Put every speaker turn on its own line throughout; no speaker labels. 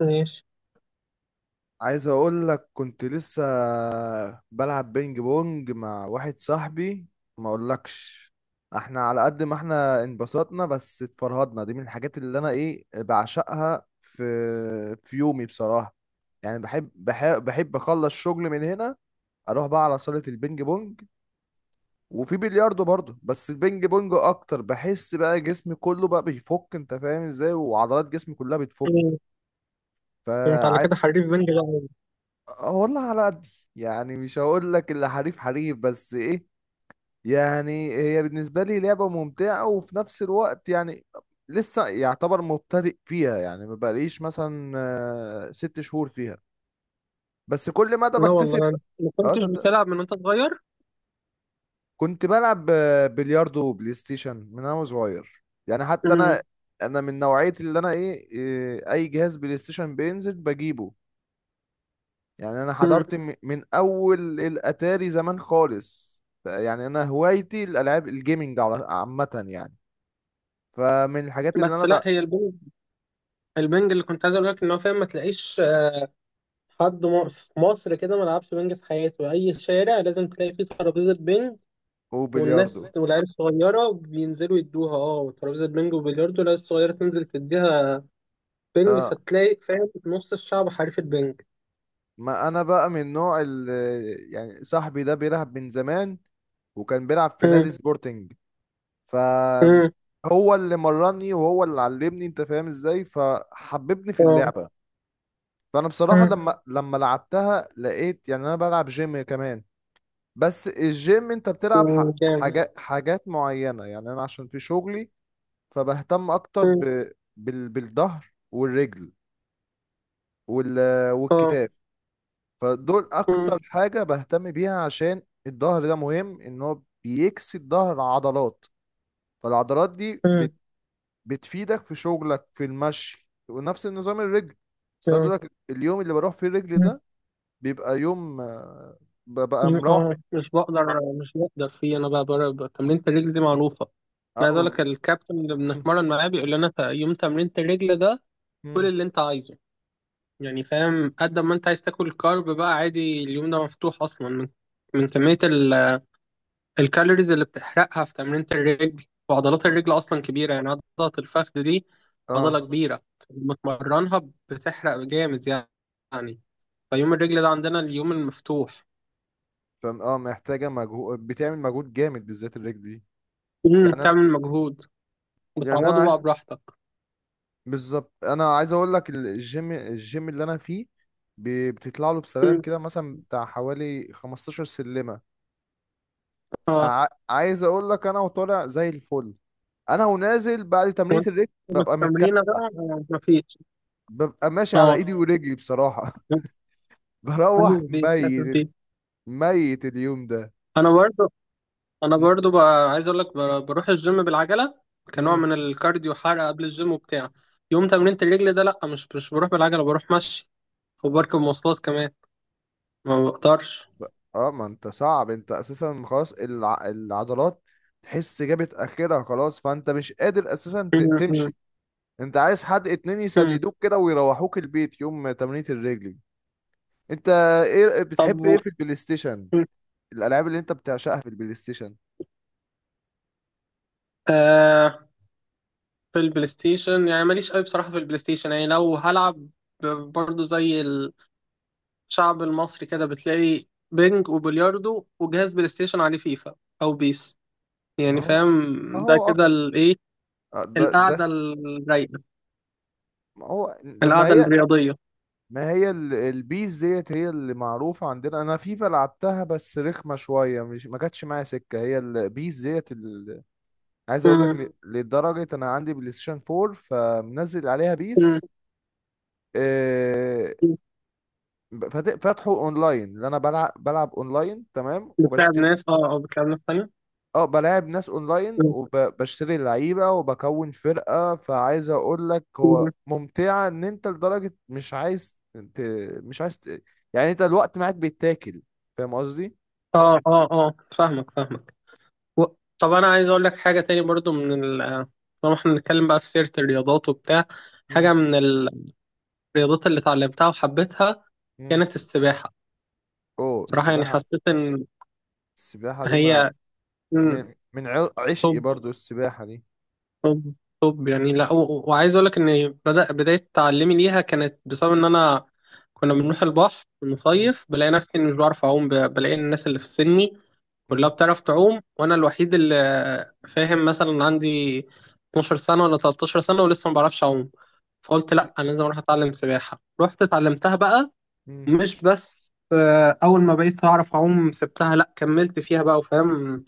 ماشي.
عايز اقول لك كنت لسه بلعب بينج بونج مع واحد صاحبي. ما اقولكش، احنا على قد ما احنا انبسطنا بس اتفرهدنا. دي من الحاجات اللي انا بعشقها في في يومي بصراحة. يعني بحب اخلص شغل من هنا، اروح بقى على صالة البينج بونج. وفي بلياردو برضه، بس البينج بونج اكتر. بحس بقى جسمي كله بقى بيفك، انت فاهم ازاي، وعضلات جسمي كلها بتفك.
مم. انت على
فعايز
كده حريف بنج بقى أوي.
والله على قد، يعني مش هقول لك اللي حريف حريف بس يعني هي بالنسبة لي لعبة ممتعة، وفي نفس الوقت يعني لسه يعتبر مبتدئ فيها. يعني ما بقاليش مثلا 6 شهور فيها، بس كل مدى
لا
بكتسب.
والله أنا ما
اه
كنتش
صدق،
بتلعب من وانت صغير.
كنت بلعب بلياردو وبلاي ستيشن من انا صغير، يعني حتى انا
امم
انا من نوعية اللي انا ايه إيه، اي جهاز بلاي ستيشن بينزل بجيبه. يعني انا
امم
حضرت من اول الاتاري زمان خالص، يعني انا هوايتي الالعاب الجيمنج عامه يعني. فمن الحاجات اللي
بس
انا
لا،
بقى
هي البنج، اللي كنت عايز اقول لك ان هو فاهم، ما تلاقيش حد في مصر كده ما لعبش بنج في حياته. اي شارع لازم تلاقي فيه ترابيزه بنج
وبلياردو.
والناس، والعيال الصغيره بينزلوا يدوها ترابيزه بنج وبلياردو، العيال الصغيره تنزل تديها بنج،
اه
فتلاقي فاهم نص الشعب حريف البنج.
ما انا بقى من نوع ال يعني صاحبي ده بيلعب من زمان، وكان بيلعب في
امم
نادي سبورتنج. ف
امم
هو اللي مرني وهو اللي علمني، انت فاهم ازاي، فحببني في
اه.
اللعبة. فانا بصراحة
امم
لما لعبتها لقيت، يعني انا بلعب جيم كمان. بس الجيم انت بتلعب
جامد.
حاجات معينة، يعني انا عشان في شغلي فبهتم اكتر
امم
بالظهر والرجل وال...
اه.
والكتاف. فدول اكتر حاجة بهتم بيها، عشان الظهر ده مهم ان هو بيكسي الظهر عضلات، فالعضلات دي
امم
بتفيدك في شغلك، في المشي، ونفس النظام الرجل. بس عايز اقول لك، اليوم اللي بروح فيه الرجل
امم
ده، بيبقى يوم ببقى مروح م...
اه، مش بقدر، مش بقدر فيه انا بقى. بقى تمرينة الرجل دي معروفة. انا عايز
آه،
اقول لك الكابتن اللي
مم.
بنتمرن معاه بيقول لنا يوم تمرينة الرجل ده كل
مم.
اللي انت عايزه. يعني فاهم، قد ما انت عايز تاكل كارب بقى عادي، اليوم ده مفتوح اصلا من كمية الكالوريز اللي بتحرقها في تمرينة الرجل، وعضلات الرجل اصلا كبيرة، يعني عضلة الفخذ دي
اه
عضلة كبيرة، لما تمرنها بتحرق جامد. يعني فيوم الرجل ده عندنا اليوم المفتوح.
فم اه محتاجه مجهود، بتعمل مجهود جامد، بالذات الرجل دي. يعني انا،
تعمل مجهود
يعني
بتعوضه بقى براحتك.
بالظبط انا عايز اقول لك الجيم اللي انا فيه، بتطلع له بسلالم
مم.
كده مثلا بتاع حوالي 15 سلمه.
اه.
فعايز اقول لك انا وطالع زي الفل، انا ونازل بعد تمرينة
وانت
الرجل ببقى
التمرين بقى
متكسح،
مفيش.
ببقى ماشي على
اه،
ايدي ورجلي بصراحه بروح
حاسس بيك، حاسس
ميت،
بيك.
ميت اليوم ده.
انا برضو،
م-
بقى عايز اقول لك بروح الجيم بالعجله كنوع
م.
من الكارديو، حرق قبل الجيم وبتاع. يوم تمرينة الرجل ده لا، مش بروح بالعجله، بروح مشي وبركب مواصلات كمان، ما بقدرش.
اه ما انت صعب، انت اساسا خلاص العضلات تحس جابت اخرها خلاص، فانت مش قادر اساسا
مم. مم.
تمشي. انت عايز حد اتنين
مم.
يساندوك كده ويروحوك البيت يوم تمرينة الرجل. انت
طب،
بتحب ايه في البلاي ستيشن،
مم.
الالعاب اللي انت بتعشقها في البلاي ستيشن؟
آه في البلاي ستيشن يعني ماليش قوي بصراحه. في البلاي ستيشن يعني لو هلعب برضو زي الشعب المصري كده، بتلاقي بينج وبلياردو وجهاز بلاي ستيشن عليه فيفا او بيس.
ما
يعني
هو
فاهم
ما
ده
هو
كده
أك-
الايه،
آه، ده
القعده
ده
الرايقه،
ما هو ده- ما
القعده
هي
الرياضيه.
ما هي البيس ديت هي اللي معروفة عندنا. انا فيفا لعبتها بس رخمة شوية، مش ما جاتش معايا سكة، هي البيس ديت. عايز اقول لك
مم.
لدرجه انا عندي بلاي ستيشن 4، فمنزل عليها بيس.
مم.
آه،
مم.
فاتحه اونلاين، اللي انا بلعب اونلاين تمام،
بتلعب
وبشتري.
ناس، اه اه، بتلعب ناس تانية.
اه بلاعب ناس اونلاين،
مم.
وبشتري لعيبه، وبكون فرقه. فعايز اقول لك هو
مم.
ممتعه ان انت لدرجه ت... مش عايز يعني انت الوقت معاك بيتاكل. فاهم قصدي؟
اه اه اه، فاهمك، فاهمك. و... طب، انا عايز اقول لك حاجه تاني برضو من ال طالما احنا بنتكلم بقى في سيره الرياضات وبتاع.
مم.
حاجه من الرياضات اللي اتعلمتها وحبيتها
مم.
كانت السباحه.
اوه
صراحه يعني
السباحه.
حسيت ان
السباحه دي، ما
هي...
من من عشقي
مم.
برضو السباحه دي.
طب طب يعني لا، وعايز اقول لك ان بدأ بداية تعلمي ليها كانت بسبب ان انا كنا
مم.
بنروح البحر
مم.
نصيف، بلاقي نفسي إني مش بعرف اعوم، بلاقي الناس اللي في سني كلها
مم.
بتعرف تعوم، وانا الوحيد اللي فاهم، مثلا عندي 12 سنة ولا 13 سنة ولسه ما بعرفش اعوم. فقلت لا، انا لازم اروح اتعلم سباحة، رحت اتعلمتها بقى.
مم.
مش بس، اول ما بقيت اعرف اعوم سبتها، لا كملت فيها بقى، وفاهم،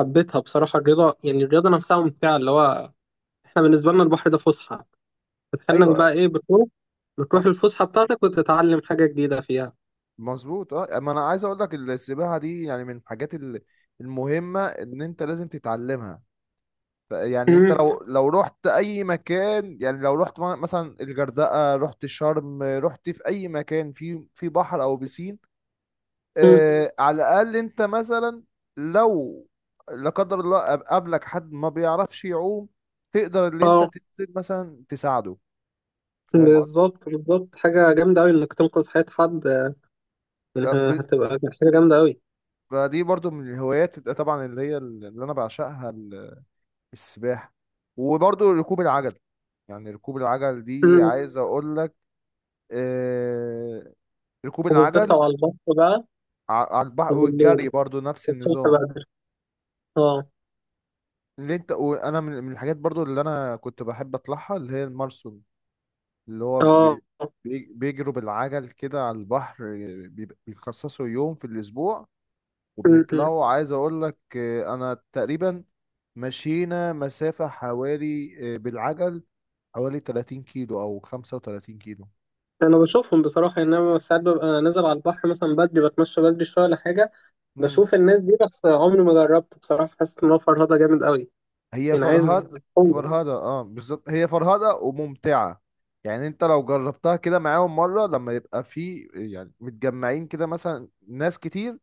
حبيتها بصراحة الرياضة. يعني الرياضة نفسها ممتعة، اللي هو احنا بالنسبة لنا البحر ده فسحة، بتحنك
ايوه.
بقى ايه، بتروح،
صح.
الفسحة بتاعتك وتتعلم حاجة جديدة فيها.
مظبوط. اه ما انا عايز اقول لك السباحه دي، يعني من الحاجات المهمه ان انت لازم تتعلمها. يعني انت
مم.
لو رحت اي مكان، يعني لو رحت مثلا الغردقه، رحت شرم، رحت في اي مكان، في في بحر او بيسين،
مم.
آه على الاقل انت مثلا، لو لا قدر الله قابلك حد ما بيعرفش يعوم، تقدر اللي انت
اه،
تنزل مثلا تساعده. فاهم
بالظبط، بالظبط، حاجة جامدة أوي إنك تنقذ حياة حد. يعني
قصدي.
هتبقى حاجة جامدة أوي.
فدي برضو من الهوايات طبعا، اللي هي اللي انا بعشقها السباحة. وبرضو ركوب العجل. يعني ركوب العجل دي
مم.
عايز اقول لك، آه ركوب
وبالذات
العجل،
لو على البحر بقى،
على البحر والجري
وبالليل،
برضو نفس
الصبح
النظام.
بدري. اه
اللي انت وانا، من الحاجات برضو اللي انا كنت بحب اطلعها اللي هي المارسون، اللي هو
اه.
بيجروا بالعجل كده على البحر. بيخصصوا يوم في الاسبوع،
مم. مم.
وبنطلعوا. عايز اقول لك انا تقريبا مشينا مسافة حوالي، بالعجل حوالي 30 كيلو او 35 كيلو.
أنا بشوفهم بصراحة، إن أنا ساعات ببقى نازل على البحر مثلا بدري، بتمشى بدري شوية ولا حاجة،
مم.
بشوف الناس دي، بس عمري ما جربت بصراحة. حاسس إن هو فرهدة جامد أوي،
هي
يعني عايز
فرهد
قوة.
فرهدة، اه بالظبط، هي فرهدة وممتعة. يعني انت لو جربتها كده معاهم مرة، لما يبقى في يعني متجمعين كده، مثلا ناس كتير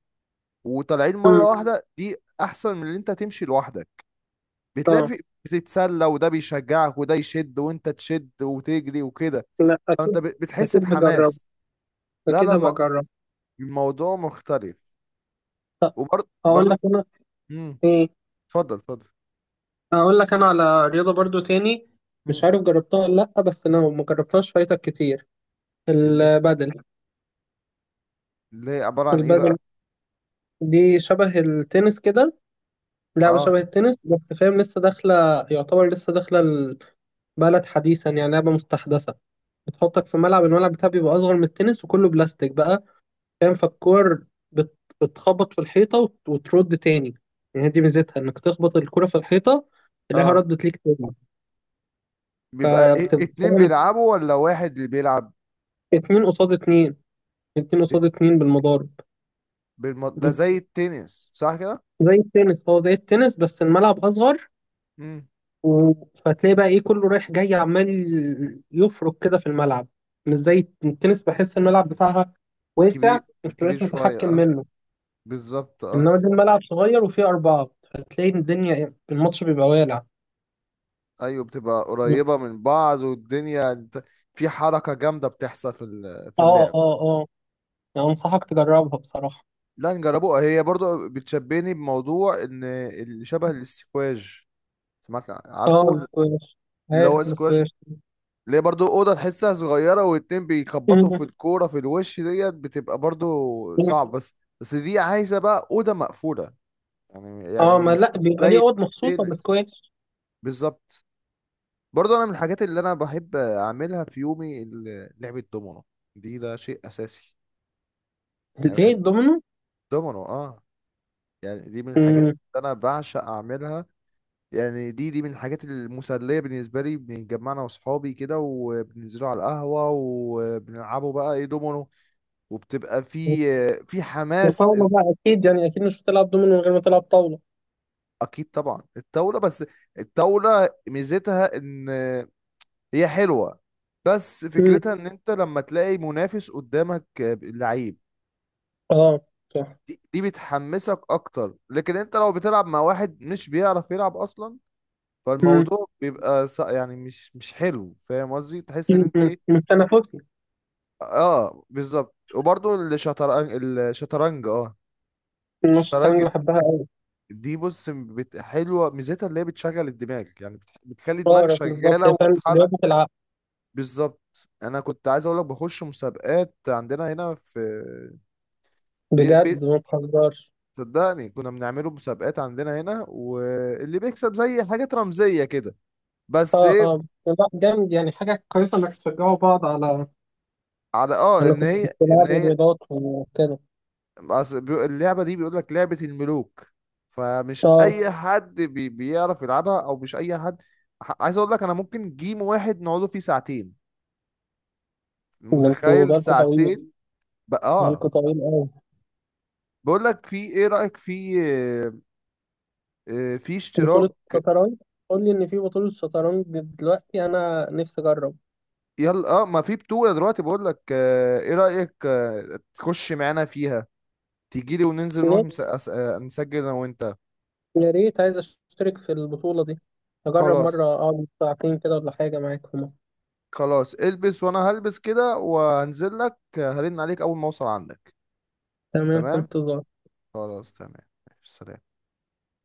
وطالعين مرة
مم.
واحدة، دي احسن من اللي انت تمشي لوحدك. بتلاقي
اه،
في، بتتسلى، وده بيشجعك، وده يشد وانت تشد وتجري وكده.
لا
انت
اكيد.
بتحس
اكيد هجرب،
بحماس. لا
اكيد هبقى اجرب.
الموضوع مختلف. وبرضه
هقول
برضه
لك انا
امم
ايه،
اتفضل اتفضل.
هقول لك انا على رياضه برضو تاني، مش
امم
عارف جربتها ولا لا، بس انا ما جربتهاش فايتك كتير.
اللي
البادل،
اللي هي عبارة عن ايه بقى؟
البادل دي شبه التنس كده. لعبه
اه
شبه التنس، بس فاهم لسه داخله، يعتبر لسه داخله البلد حديثا، يعني لعبه مستحدثه. بتحطك في ملعب، بتاعها بيبقى اصغر من التنس، وكله بلاستيك بقى فاهم. فالكور بتخبط في الحيطة وترد تاني، يعني هي دي ميزتها انك تخبط الكرة في الحيطة تلاقيها
اه.
ردت ليك تاني.
بيبقى إيه،
فبتبقى
اتنين
فاهم،
بيلعبوا ولا واحد اللي بيلعب؟
اتنين قصاد اتنين، اتنين
إيه؟
قصاد اتنين بالمضارب.
ده زي التنس، صح كده؟
زي التنس، هو زي التنس بس الملعب أصغر.
امم.
و... فتلاقي بقى ايه كله رايح جاي عمال يفرك كده في الملعب، مش زي التنس، بحس الملعب بتاعها واسع،
كبير،
مش
وكبير
بتبقاش
شوية،
متحكم
اه
منه،
بالظبط، اه
انما دي الملعب صغير وفيه أربعة، فتلاقي الدنيا إيه، الماتش بيبقى والع.
ايوه. بتبقى قريبة من بعض، والدنيا انت في حركة جامدة بتحصل في في
اه
اللعب.
اه اه، يعني انصحك تجربها بصراحة.
لا نجربوها. هي برضو بتشبهني بموضوع ان اللي شبه الاسكواج، سمعت،
اه،
عارفه،
السكواش،
اللي هو
عارف
سكواش،
السكواش.
اللي هي برضو اوضه تحسها صغيره، واتنين بيخبطوا في
مم.
الكوره في الوش ديت، بتبقى برضو
مم.
صعب. بس بس دي عايزه بقى اوضه مقفوله، يعني
اه، ما
مش
لا،
مش
بيبقى
زي
ليه اوض مخصوصه
التنس.
للسكواش.
بالظبط. برضو انا من الحاجات اللي انا بحب اعملها في يومي لعبه دومينو، دي ده شيء اساسي. يعني
الايه،
بحب
الدومينو.
الدومينو اه، يعني دي من الحاجات
مم.
اللي انا بعشق اعملها. يعني دي من الحاجات المسلية بالنسبة لي. بنتجمعنا وأصحابي كده وبننزلوا على القهوة وبنلعبوا بقى إيه دومينو. وبتبقى في حماس
الطاوله بقى اكيد، يعني اكيد مش بتلعب دومينو من غير ما تلعب طاوله.
أكيد طبعا الطاولة. بس الطاولة ميزتها إن هي حلوة، بس
مم.
فكرتها إن أنت لما تلاقي منافس قدامك، لعيب،
اه، صح.
دي بتحمسك أكتر. لكن أنت لو بتلعب مع واحد مش بيعرف يلعب أصلا
مم.
فالموضوع بيبقى يعني مش حلو. فاهم قصدي؟ تحس ان
مم.
انت
مم. مش تنافسي.
اه بالظبط. وبرضه الشطرنج. الشطرنج اه.
الناس، الشطرنج
الشطرنج
بحبها قوي.
دي بص حلوه، ميزتها اللي هي بتشغل الدماغ، يعني بتخلي دماغك
بعرف بالظبط،
شغاله
هي فعلا
وتتحرك.
رياضه العقل.
بالظبط، انا كنت عايز اقول لك بخش مسابقات عندنا هنا في بي... بي...
بجد، ما تهزرش.
صدقني كنا بنعمله مسابقات عندنا هنا، واللي بيكسب زي حاجات رمزيه كده. بس
اه
ايه،
اه، لا جامد، يعني حاجه كويسه انك تشجعوا بعض على...
على اه
انا
ان
كنت
هي، ان
بلعب
هي،
رياضات وكده.
أصل اللعبة دي بيقول لك لعبة الملوك، فمش
اه،
أي حد بيعرف يلعبها، أو مش أي حد. عايز أقول لك أنا ممكن جيم واحد نقعده فيه ساعتين،
ده انتوا
متخيل،
بالكوا طويل،
ساعتين. بقى آه.
بالكوا طويل قوي.
بقول لك في، إيه رأيك في، في اشتراك.
بطولة شطرنج؟ قول لي ان في بطولة شطرنج دلوقتي، انا نفسي اجرب.
يلا آه ما في بطولة دلوقتي. بقول لك إيه رأيك تخش معانا فيها، تيجي لي وننزل نروح
يا
نسجل أنا وأنت.
يا ريت، عايز اشترك في البطولة دي، اجرب مرة
خلاص.
اقعد ساعتين كده ولا حاجة معاكم.
خلاص البس وأنا هلبس كده وهنزل لك هرن عليك أول ما أوصل عندك.
تمام، في
تمام.
انتظار.
خلاص تمام. ماشي، سلام.